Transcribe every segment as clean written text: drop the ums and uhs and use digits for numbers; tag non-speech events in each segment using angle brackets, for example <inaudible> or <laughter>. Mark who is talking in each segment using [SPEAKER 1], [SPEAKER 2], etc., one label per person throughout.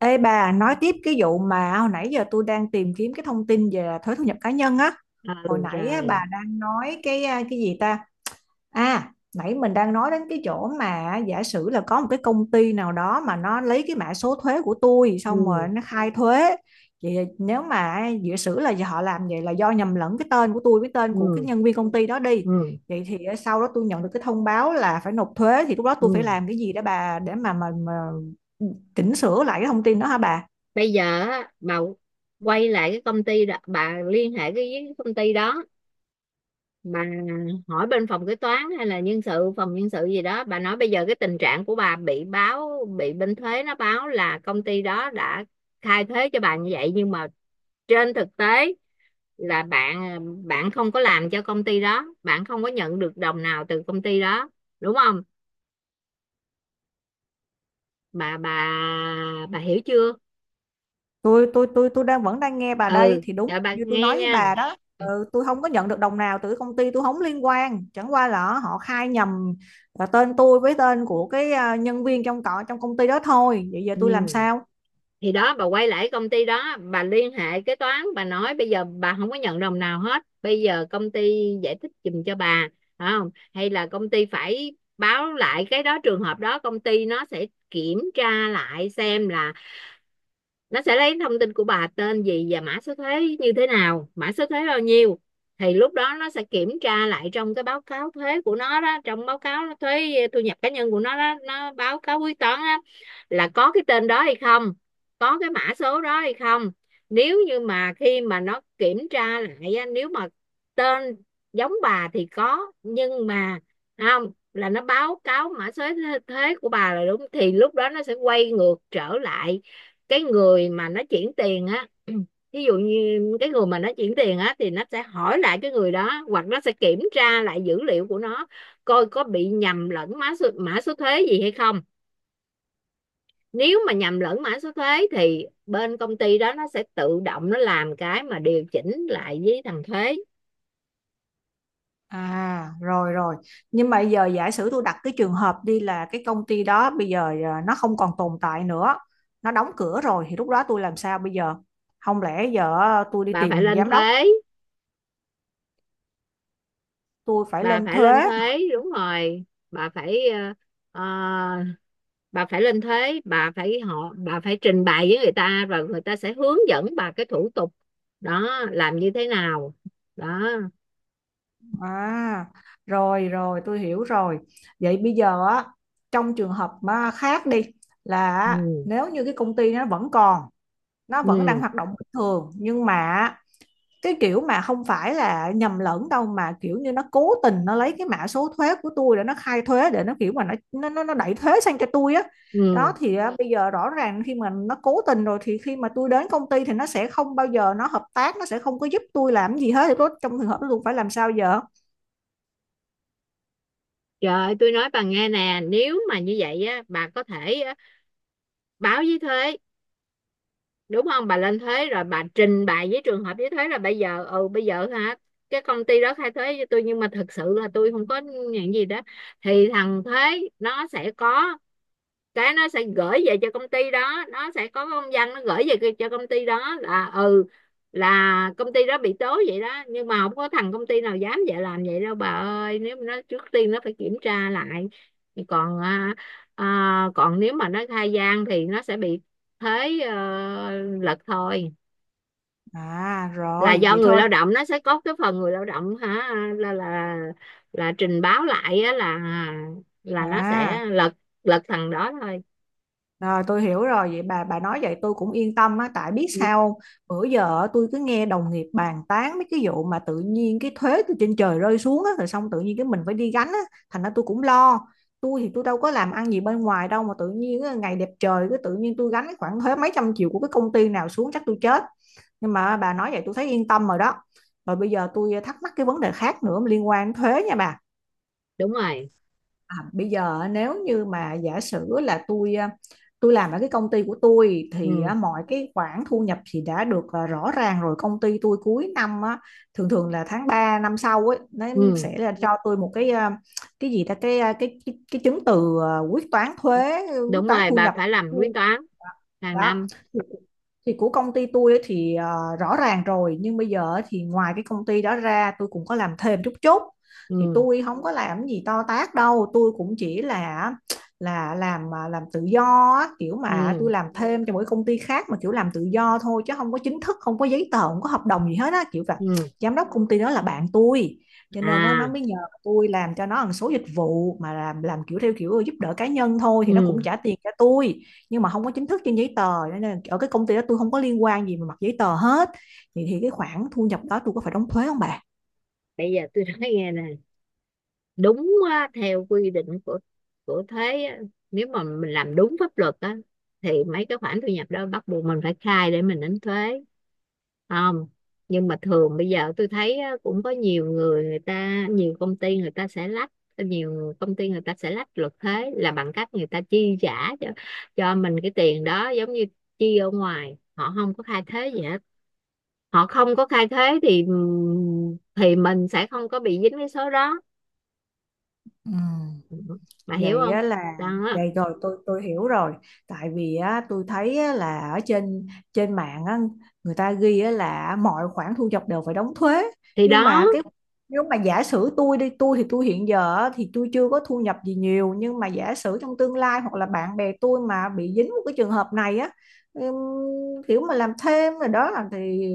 [SPEAKER 1] Ê bà, nói tiếp cái vụ mà hồi nãy giờ tôi đang tìm kiếm cái thông tin về thuế thu nhập cá nhân á.
[SPEAKER 2] Ừ,
[SPEAKER 1] Hồi nãy á,
[SPEAKER 2] rồi,
[SPEAKER 1] bà đang nói cái gì ta? À, nãy mình đang nói đến cái chỗ mà giả sử là có một cái công ty nào đó mà nó lấy cái mã số thuế của tôi xong rồi
[SPEAKER 2] ừ,
[SPEAKER 1] nó khai thuế. Vậy nếu mà giả sử là họ làm vậy là do nhầm lẫn cái tên của tôi với tên của cái
[SPEAKER 2] ừ,
[SPEAKER 1] nhân viên công ty đó đi.
[SPEAKER 2] ừ,
[SPEAKER 1] Vậy thì sau đó tôi nhận được cái thông báo là phải nộp thuế thì lúc đó tôi phải
[SPEAKER 2] ừ.
[SPEAKER 1] làm cái gì để mà chỉnh sửa lại cái thông tin đó hả bà?
[SPEAKER 2] Bây giờ á, bà quay lại cái công ty đó, bà liên hệ cái với công ty đó, bà hỏi bên phòng kế toán hay là nhân sự, phòng nhân sự gì đó, bà nói bây giờ cái tình trạng của bà bị báo, bị bên thuế nó báo là công ty đó đã khai thuế cho bà như vậy, nhưng mà trên thực tế là bạn bạn không có làm cho công ty đó, bạn không có nhận được đồng nào từ công ty đó, đúng không? Bà bà bà hiểu chưa?
[SPEAKER 1] Tôi vẫn đang nghe bà đây
[SPEAKER 2] Ừ,
[SPEAKER 1] thì đúng
[SPEAKER 2] rồi, bà
[SPEAKER 1] như tôi
[SPEAKER 2] nghe
[SPEAKER 1] nói với
[SPEAKER 2] nha.
[SPEAKER 1] bà đó. Ừ, tôi không có nhận được đồng nào từ công ty, tôi không liên quan, chẳng qua là họ khai nhầm tên tôi với tên của cái nhân viên trong trong công ty đó thôi. Vậy giờ tôi làm
[SPEAKER 2] Ừ.
[SPEAKER 1] sao?
[SPEAKER 2] Thì đó, bà quay lại công ty đó, bà liên hệ kế toán, bà nói bây giờ bà không có nhận đồng nào hết, bây giờ công ty giải thích giùm cho bà, phải không? Hay là công ty phải báo lại cái đó. Trường hợp đó công ty nó sẽ kiểm tra lại xem là nó sẽ lấy thông tin của bà, tên gì và mã số thuế như thế nào, mã số thuế bao nhiêu. Thì lúc đó nó sẽ kiểm tra lại trong cái báo cáo thuế của nó đó, trong báo cáo thuế thu nhập cá nhân của nó đó, nó báo cáo quyết toán á, là có cái tên đó hay không, có cái mã số đó hay không. Nếu như mà khi mà nó kiểm tra lại á, nếu mà tên giống bà thì có, nhưng mà không, là nó báo cáo mã số thuế của bà là đúng, thì lúc đó nó sẽ quay ngược trở lại cái người mà nó chuyển tiền á. <clears throat> Ví dụ như cái người mà nó chuyển tiền á, thì nó sẽ hỏi lại cái người đó, hoặc nó sẽ kiểm tra lại dữ liệu của nó, coi có bị nhầm lẫn mã số thuế gì hay không. Nếu mà nhầm lẫn mã số thuế thì bên công ty đó nó sẽ tự động nó làm cái mà điều chỉnh lại với thằng thuế.
[SPEAKER 1] À, rồi rồi. Nhưng mà giờ giả sử tôi đặt cái trường hợp đi là cái công ty đó bây giờ nó không còn tồn tại nữa, nó đóng cửa rồi thì lúc đó tôi làm sao bây giờ? Không lẽ giờ tôi đi
[SPEAKER 2] Bà phải
[SPEAKER 1] tìm
[SPEAKER 2] lên
[SPEAKER 1] giám đốc?
[SPEAKER 2] thuế.
[SPEAKER 1] Tôi phải
[SPEAKER 2] Bà
[SPEAKER 1] lên
[SPEAKER 2] phải lên
[SPEAKER 1] thuế.
[SPEAKER 2] thuế, đúng rồi. Bà phải ờ, bà phải lên thế, bà phải họ bà phải trình bày với người ta, rồi người ta sẽ hướng dẫn bà cái thủ tục đó làm như thế nào, đó.
[SPEAKER 1] À, rồi rồi tôi hiểu rồi. Vậy bây giờ á, trong trường hợp mà khác đi là á,
[SPEAKER 2] Ừ,
[SPEAKER 1] nếu như cái công ty nó vẫn còn, nó vẫn đang
[SPEAKER 2] ừ,
[SPEAKER 1] hoạt động bình thường, nhưng mà cái kiểu mà không phải là nhầm lẫn đâu, mà kiểu như nó cố tình nó lấy cái mã số thuế của tôi để nó khai thuế, để nó kiểu mà nó đẩy thuế sang cho tôi á. Đó
[SPEAKER 2] ừ.
[SPEAKER 1] thì á, bây giờ rõ ràng khi mà nó cố tình rồi thì khi mà tôi đến công ty thì nó sẽ không bao giờ nó hợp tác, nó sẽ không có giúp tôi làm gì hết, thì tôi trong trường hợp đó tôi phải làm sao giờ?
[SPEAKER 2] Trời ơi, tôi nói bà nghe nè, nếu mà như vậy á, bà có thể á, báo với thuế, đúng không? Bà lên thuế rồi bà trình bày với trường hợp với thuế là bây giờ, ừ, bây giờ, hả, cái công ty đó khai thuế với tôi nhưng mà thật sự là tôi không có nhận gì đó. Thì thằng thuế nó sẽ có cái, nó sẽ gửi về cho công ty đó, nó sẽ có công văn nó gửi về cho công ty đó là, ừ, là công ty đó bị tố vậy đó. Nhưng mà không có thằng công ty nào dám vậy làm vậy đâu bà ơi. Nếu mà nó, trước tiên nó phải kiểm tra lại. Còn còn nếu mà nó khai gian thì nó sẽ bị thế, lật thôi.
[SPEAKER 1] À
[SPEAKER 2] Là
[SPEAKER 1] rồi,
[SPEAKER 2] do
[SPEAKER 1] vậy
[SPEAKER 2] người
[SPEAKER 1] thôi.
[SPEAKER 2] lao động, nó sẽ có cái phần người lao động hả, là là là trình báo lại á, là nó
[SPEAKER 1] À,
[SPEAKER 2] sẽ lật lật thằng đó thôi.
[SPEAKER 1] rồi tôi hiểu rồi. Vậy bà nói vậy tôi cũng yên tâm á, tại biết
[SPEAKER 2] Ừ,
[SPEAKER 1] sao không? Bữa giờ á, tôi cứ nghe đồng nghiệp bàn tán mấy cái vụ mà tự nhiên cái thuế từ trên trời rơi xuống á, rồi xong tự nhiên cái mình phải đi gánh á, thành ra tôi cũng lo. Tôi thì tôi đâu có làm ăn gì bên ngoài đâu, mà tự nhiên á, ngày đẹp trời cứ tự nhiên tôi gánh cái khoản thuế mấy trăm triệu của cái công ty nào xuống chắc tôi chết. Nhưng mà bà nói vậy tôi thấy yên tâm rồi đó. Rồi bây giờ tôi thắc mắc cái vấn đề khác nữa liên quan đến thuế nha bà.
[SPEAKER 2] đúng rồi.
[SPEAKER 1] À, bây giờ nếu như mà giả sử là tôi làm ở cái công ty của tôi thì
[SPEAKER 2] Ừ,
[SPEAKER 1] à, mọi cái khoản thu nhập thì đã được rõ ràng rồi. Công ty tôi cuối năm á, thường thường là tháng 3 năm sau ấy nó
[SPEAKER 2] ừ,
[SPEAKER 1] sẽ là cho tôi một cái cái gì ta, cái chứng từ, quyết toán thuế, quyết
[SPEAKER 2] đúng
[SPEAKER 1] toán
[SPEAKER 2] rồi,
[SPEAKER 1] thu
[SPEAKER 2] bà
[SPEAKER 1] nhập
[SPEAKER 2] phải làm quyết toán hàng
[SPEAKER 1] đó.
[SPEAKER 2] năm.
[SPEAKER 1] thì, thì của công ty tôi ấy thì rõ ràng rồi. Nhưng bây giờ thì ngoài cái công ty đó ra tôi cũng có làm thêm chút chút, thì
[SPEAKER 2] Ừ,
[SPEAKER 1] tôi không có làm gì to tát đâu, tôi cũng chỉ là làm tự do á, kiểu mà tôi
[SPEAKER 2] ừ,
[SPEAKER 1] làm thêm cho mỗi công ty khác mà kiểu làm tự do thôi, chứ không có chính thức, không có giấy tờ, không có hợp đồng gì hết á, kiểu là
[SPEAKER 2] ừ,
[SPEAKER 1] giám đốc công ty đó là bạn tôi, cho nên nó
[SPEAKER 2] à,
[SPEAKER 1] mới nhờ tôi làm cho nó một số dịch vụ, mà làm kiểu theo kiểu giúp đỡ cá nhân thôi, thì nó cũng
[SPEAKER 2] ừ.
[SPEAKER 1] trả tiền cho tôi, nhưng mà không có chính thức trên giấy tờ, cho nên ở cái công ty đó tôi không có liên quan gì mà mặt giấy tờ hết. Thì cái khoản thu nhập đó tôi có phải đóng thuế không bà?
[SPEAKER 2] Bây giờ tôi nói nghe nè, đúng á, theo quy định của thuế á, nếu mà mình làm đúng pháp luật á thì mấy cái khoản thu nhập đó bắt buộc mình phải khai để mình đánh thuế, không. Nhưng mà thường bây giờ tôi thấy á, cũng có nhiều người người ta, nhiều công ty người ta sẽ lách, nhiều công ty người ta sẽ lách luật thuế là bằng cách người ta chi trả cho mình cái tiền đó, giống như chi ở ngoài, họ không có khai thuế gì hết. Họ không có khai thuế thì mình sẽ không có bị dính cái số đó.
[SPEAKER 1] Ừ.
[SPEAKER 2] Bà hiểu
[SPEAKER 1] Vậy
[SPEAKER 2] không?
[SPEAKER 1] á là
[SPEAKER 2] Đó
[SPEAKER 1] vậy. Rồi tôi hiểu rồi. Tại vì á tôi thấy á, là ở trên trên mạng á, người ta ghi á, là mọi khoản thu nhập đều phải đóng thuế.
[SPEAKER 2] thì,
[SPEAKER 1] Nhưng
[SPEAKER 2] đó,
[SPEAKER 1] mà cái, nếu mà giả sử tôi hiện giờ á, thì tôi chưa có thu nhập gì nhiều, nhưng mà giả sử trong tương lai hoặc là bạn bè tôi mà bị dính một cái trường hợp này á, ừm, kiểu mà làm thêm rồi đó là thì,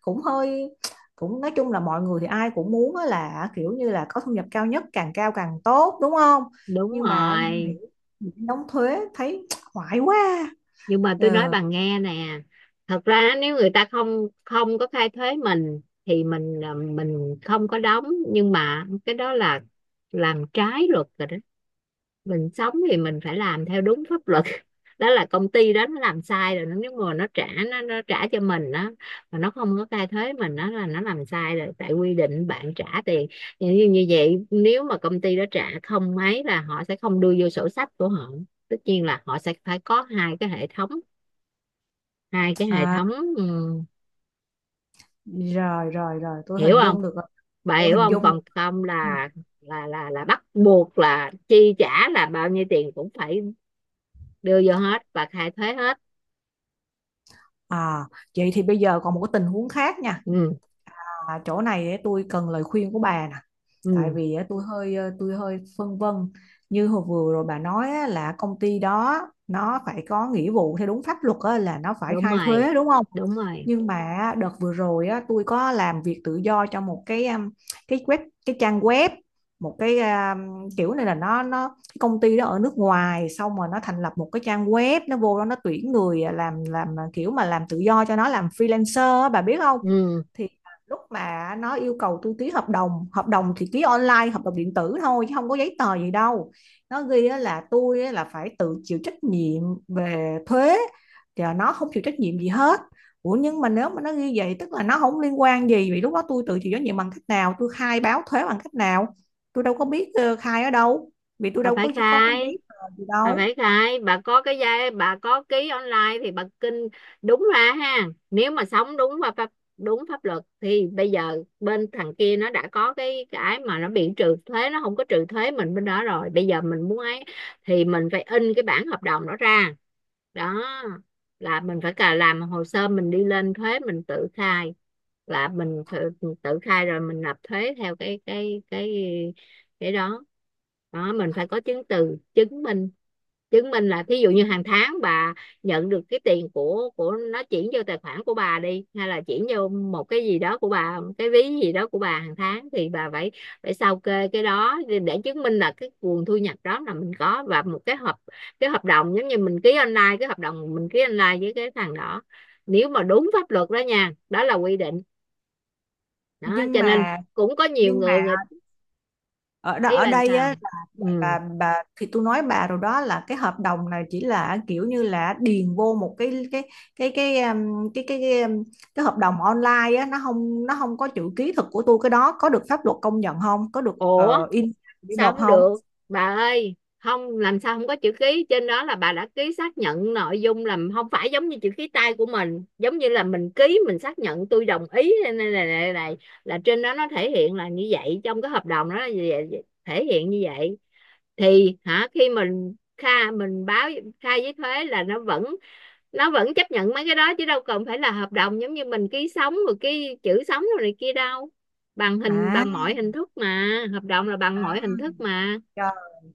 [SPEAKER 1] cũng hơi cũng nói chung là mọi người thì ai cũng muốn á là kiểu như là có thu nhập cao nhất, càng cao càng tốt, đúng không?
[SPEAKER 2] đúng
[SPEAKER 1] Nhưng mà
[SPEAKER 2] rồi.
[SPEAKER 1] nghĩ đóng thuế thấy <tsk> hoài quá.
[SPEAKER 2] Nhưng mà tôi nói
[SPEAKER 1] Ờ,
[SPEAKER 2] bà nghe nè, thật ra nếu người ta không không có khai thuế mình thì mình à, mình không có đóng, nhưng mà cái đó là làm trái luật rồi đó. Mình sống thì mình phải làm theo đúng pháp luật. <laughs> Đó là công ty đó nó làm sai rồi. Nếu mà nó trả nó trả cho mình đó mà nó không có khai thuế mình, đó là nó làm sai rồi, tại quy định bạn trả tiền. Như, như như vậy, nếu mà công ty đó trả không mấy là họ sẽ không đưa vô sổ sách của họ. Tất nhiên là họ sẽ phải có hai cái hệ thống, hai cái hệ
[SPEAKER 1] à
[SPEAKER 2] thống. ừm,
[SPEAKER 1] rồi rồi rồi tôi
[SPEAKER 2] Hiểu
[SPEAKER 1] hình
[SPEAKER 2] không?
[SPEAKER 1] dung được rồi.
[SPEAKER 2] Bà
[SPEAKER 1] Tôi
[SPEAKER 2] hiểu
[SPEAKER 1] hình
[SPEAKER 2] không?
[SPEAKER 1] dung được.
[SPEAKER 2] Còn không
[SPEAKER 1] Ừ.
[SPEAKER 2] là là bắt buộc, là chi trả là bao nhiêu tiền cũng phải đưa vô hết và khai thuế hết.
[SPEAKER 1] À, vậy thì bây giờ còn một cái tình huống khác nha.
[SPEAKER 2] Ừ,
[SPEAKER 1] À, chỗ này ấy, tôi cần lời khuyên của bà nè. Tại
[SPEAKER 2] ừ,
[SPEAKER 1] vì á, tôi hơi phân vân. Như hồi vừa rồi bà nói á, là công ty đó nó phải có nghĩa vụ theo đúng pháp luật á, là nó phải
[SPEAKER 2] đúng
[SPEAKER 1] khai
[SPEAKER 2] rồi,
[SPEAKER 1] thuế, đúng không?
[SPEAKER 2] đúng rồi,
[SPEAKER 1] Nhưng mà đợt vừa rồi á, tôi có làm việc tự do cho một cái web, cái trang web, một cái kiểu này là nó cái công ty đó ở nước ngoài xong rồi nó thành lập một cái trang web, nó vô đó nó tuyển người làm kiểu mà làm tự do cho nó, làm freelancer á, bà biết không?
[SPEAKER 2] ừ.
[SPEAKER 1] Lúc mà nó yêu cầu tôi ký hợp đồng thì ký online, hợp đồng điện tử thôi chứ không có giấy tờ gì đâu. Nó ghi á là tôi á là phải tự chịu trách nhiệm về thuế, thì nó không chịu trách nhiệm gì hết. Ủa nhưng mà nếu mà nó ghi vậy tức là nó không liên quan gì, vì lúc đó tôi tự chịu trách nhiệm bằng cách nào, tôi khai báo thuế bằng cách nào? Tôi đâu có biết khai ở đâu, vì tôi
[SPEAKER 2] Bà
[SPEAKER 1] đâu
[SPEAKER 2] phải
[SPEAKER 1] có
[SPEAKER 2] khai,
[SPEAKER 1] giấy tờ gì
[SPEAKER 2] bà
[SPEAKER 1] đâu.
[SPEAKER 2] phải khai, bà có cái giai, bà có ký online thì bà kinh, đúng ra ha. Nếu mà sống đúng và pháp, đúng pháp luật, thì bây giờ bên thằng kia nó đã có cái mà nó bị trừ thuế, nó không có trừ thuế mình bên đó rồi, bây giờ mình muốn ấy thì mình phải in cái bản hợp đồng đó ra. Đó là mình phải cả làm hồ sơ, mình đi lên thuế, mình tự khai, là mình phải tự khai rồi mình nộp thuế theo cái đó, đó. Mình phải có chứng từ chứng minh, chứng minh là thí dụ như hàng tháng bà nhận được cái tiền của nó chuyển vô tài khoản của bà đi, hay là chuyển vô một cái gì đó của bà, cái ví gì đó của bà, hàng tháng thì bà phải phải sao kê cái đó để chứng minh là cái nguồn thu nhập đó là mình có, và một cái hợp, cái hợp đồng giống như mình ký online, cái hợp đồng mình ký online với cái thằng đó. Nếu mà đúng pháp luật đó nha, đó là quy định đó
[SPEAKER 1] nhưng
[SPEAKER 2] cho nên
[SPEAKER 1] mà
[SPEAKER 2] cũng có nhiều
[SPEAKER 1] nhưng mà
[SPEAKER 2] người người ý
[SPEAKER 1] ở
[SPEAKER 2] bàn
[SPEAKER 1] đây
[SPEAKER 2] sao.
[SPEAKER 1] á là,
[SPEAKER 2] Ừ.
[SPEAKER 1] bà thì tôi nói bà rồi đó, là cái hợp đồng này chỉ là kiểu như là điền vô một cái cái um, cái cái cái, um, cái hợp đồng online á, nó không có chữ ký thực của tôi, cái đó có được pháp luật công nhận không, có được
[SPEAKER 2] Ủa,
[SPEAKER 1] in để
[SPEAKER 2] sao
[SPEAKER 1] nộp
[SPEAKER 2] không
[SPEAKER 1] không?
[SPEAKER 2] được? Bà ơi không, làm sao không có chữ ký, trên đó là bà đã ký xác nhận nội dung, là không phải giống như chữ ký tay của mình, giống như là mình ký, mình xác nhận tôi đồng ý này này này, này, này. Là trên đó nó thể hiện là như vậy, trong cái hợp đồng đó là thể hiện như vậy, thì hả, khi mình khai, mình báo khai với thuế là nó vẫn chấp nhận mấy cái đó, chứ đâu cần phải là hợp đồng giống như mình ký sống rồi, cái chữ sống rồi này kia đâu. Bằng hình,
[SPEAKER 1] à,
[SPEAKER 2] bằng mọi hình thức mà, hợp đồng là bằng
[SPEAKER 1] À,
[SPEAKER 2] mọi hình thức mà.
[SPEAKER 1] trời,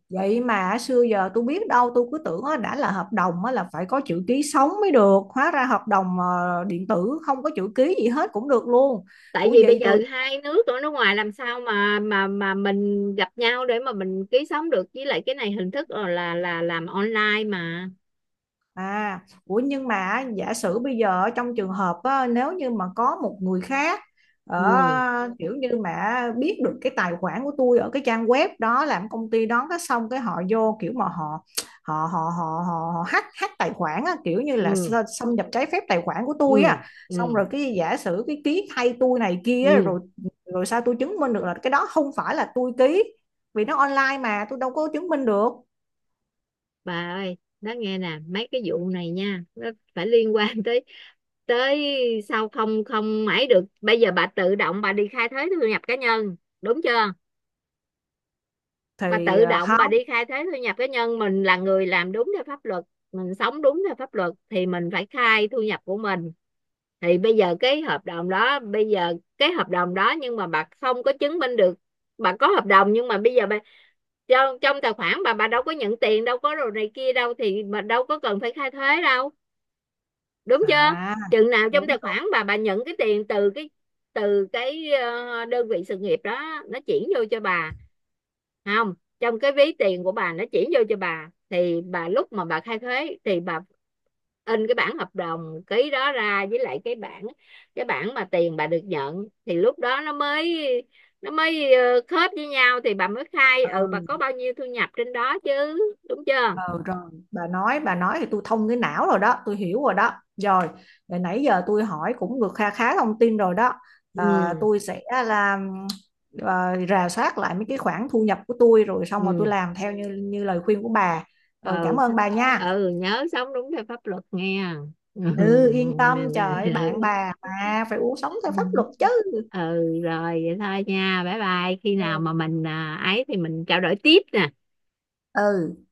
[SPEAKER 1] vậy mà xưa giờ tôi biết đâu, tôi cứ tưởng á, đã là hợp đồng á, là phải có chữ ký sống mới được, hóa ra hợp đồng điện tử không có chữ ký gì hết cũng được luôn.
[SPEAKER 2] Tại
[SPEAKER 1] Ủa
[SPEAKER 2] vì bây
[SPEAKER 1] vậy
[SPEAKER 2] giờ
[SPEAKER 1] rồi.
[SPEAKER 2] hai nước, ở nước ngoài, làm sao mà mình gặp nhau để mà mình ký sống được, với lại cái này hình thức là làm online mà.
[SPEAKER 1] À, ủa nhưng mà giả sử bây giờ ở trong trường hợp á, nếu như mà có một người khác
[SPEAKER 2] Ừ,
[SPEAKER 1] ở kiểu như mà biết được cái tài khoản của tôi ở cái trang web đó, làm công ty đó, cái xong cái họ vô kiểu mà họ họ họ họ họ, họ hack hack tài khoản á, kiểu như là
[SPEAKER 2] ừ,
[SPEAKER 1] xâm nhập trái phép tài khoản của tôi
[SPEAKER 2] ừ,
[SPEAKER 1] á, xong
[SPEAKER 2] ừ,
[SPEAKER 1] rồi cái giả sử cái ký thay tôi này kia á,
[SPEAKER 2] ừ.
[SPEAKER 1] rồi rồi sao tôi chứng minh được là cái đó không phải là tôi ký, vì nó online mà tôi đâu có chứng minh được.
[SPEAKER 2] Bà ơi đó nghe nè, mấy cái vụ này nha, nó phải liên quan tới tới sao, không không mãi được. Bây giờ bà tự động bà đi khai thuế thu nhập cá nhân, đúng chưa? Bà
[SPEAKER 1] Thì
[SPEAKER 2] tự động bà
[SPEAKER 1] không.
[SPEAKER 2] đi khai thuế thu nhập cá nhân, mình là người làm đúng theo pháp luật, mình sống đúng theo pháp luật thì mình phải khai thu nhập của mình. Thì bây giờ cái hợp đồng đó, bây giờ cái hợp đồng đó, nhưng mà bà không có chứng minh được. Bà có hợp đồng nhưng mà bây giờ bà, trong trong tài khoản bà đâu có nhận tiền, đâu có đồ này kia đâu thì mà đâu có cần phải khai thuế đâu, đúng chưa?
[SPEAKER 1] À
[SPEAKER 2] Chừng nào trong tài
[SPEAKER 1] đúng.
[SPEAKER 2] khoản bà nhận cái tiền từ cái, từ cái đơn vị sự nghiệp đó nó chuyển vô cho bà. Không, trong cái ví tiền của bà nó chuyển vô cho bà thì bà, lúc mà bà khai thuế thì bà in cái bản hợp đồng ký đó ra, với lại cái bản, cái bản mà tiền bà được nhận, thì lúc đó nó mới, nó mới khớp với nhau, thì bà mới khai ừ bà
[SPEAKER 1] Ừ,
[SPEAKER 2] có bao nhiêu thu nhập trên đó chứ, đúng chưa?
[SPEAKER 1] ừ, rồi bà nói thì tôi thông cái não rồi đó, tôi hiểu rồi đó. Rồi để nãy giờ tôi hỏi cũng được kha khá thông tin rồi đó. À,
[SPEAKER 2] Ừ,
[SPEAKER 1] tôi sẽ làm, rà soát lại mấy cái khoản thu nhập của tôi rồi xong rồi tôi
[SPEAKER 2] ừ,
[SPEAKER 1] làm theo như như lời khuyên của bà.
[SPEAKER 2] ừ,
[SPEAKER 1] Rồi cảm
[SPEAKER 2] s-
[SPEAKER 1] ơn bà nha.
[SPEAKER 2] ừ, nhớ sống đúng theo pháp luật nghe. Ừ.
[SPEAKER 1] Ừ, yên tâm trời ơi, bạn
[SPEAKER 2] Ừ.
[SPEAKER 1] bà
[SPEAKER 2] <laughs>
[SPEAKER 1] mà phải uống sống theo pháp luật chứ.
[SPEAKER 2] Ừ, rồi vậy thôi nha, bye bye, khi nào
[SPEAKER 1] Ừ.
[SPEAKER 2] mà mình ấy thì mình trao đổi tiếp nè.
[SPEAKER 1] Ừ.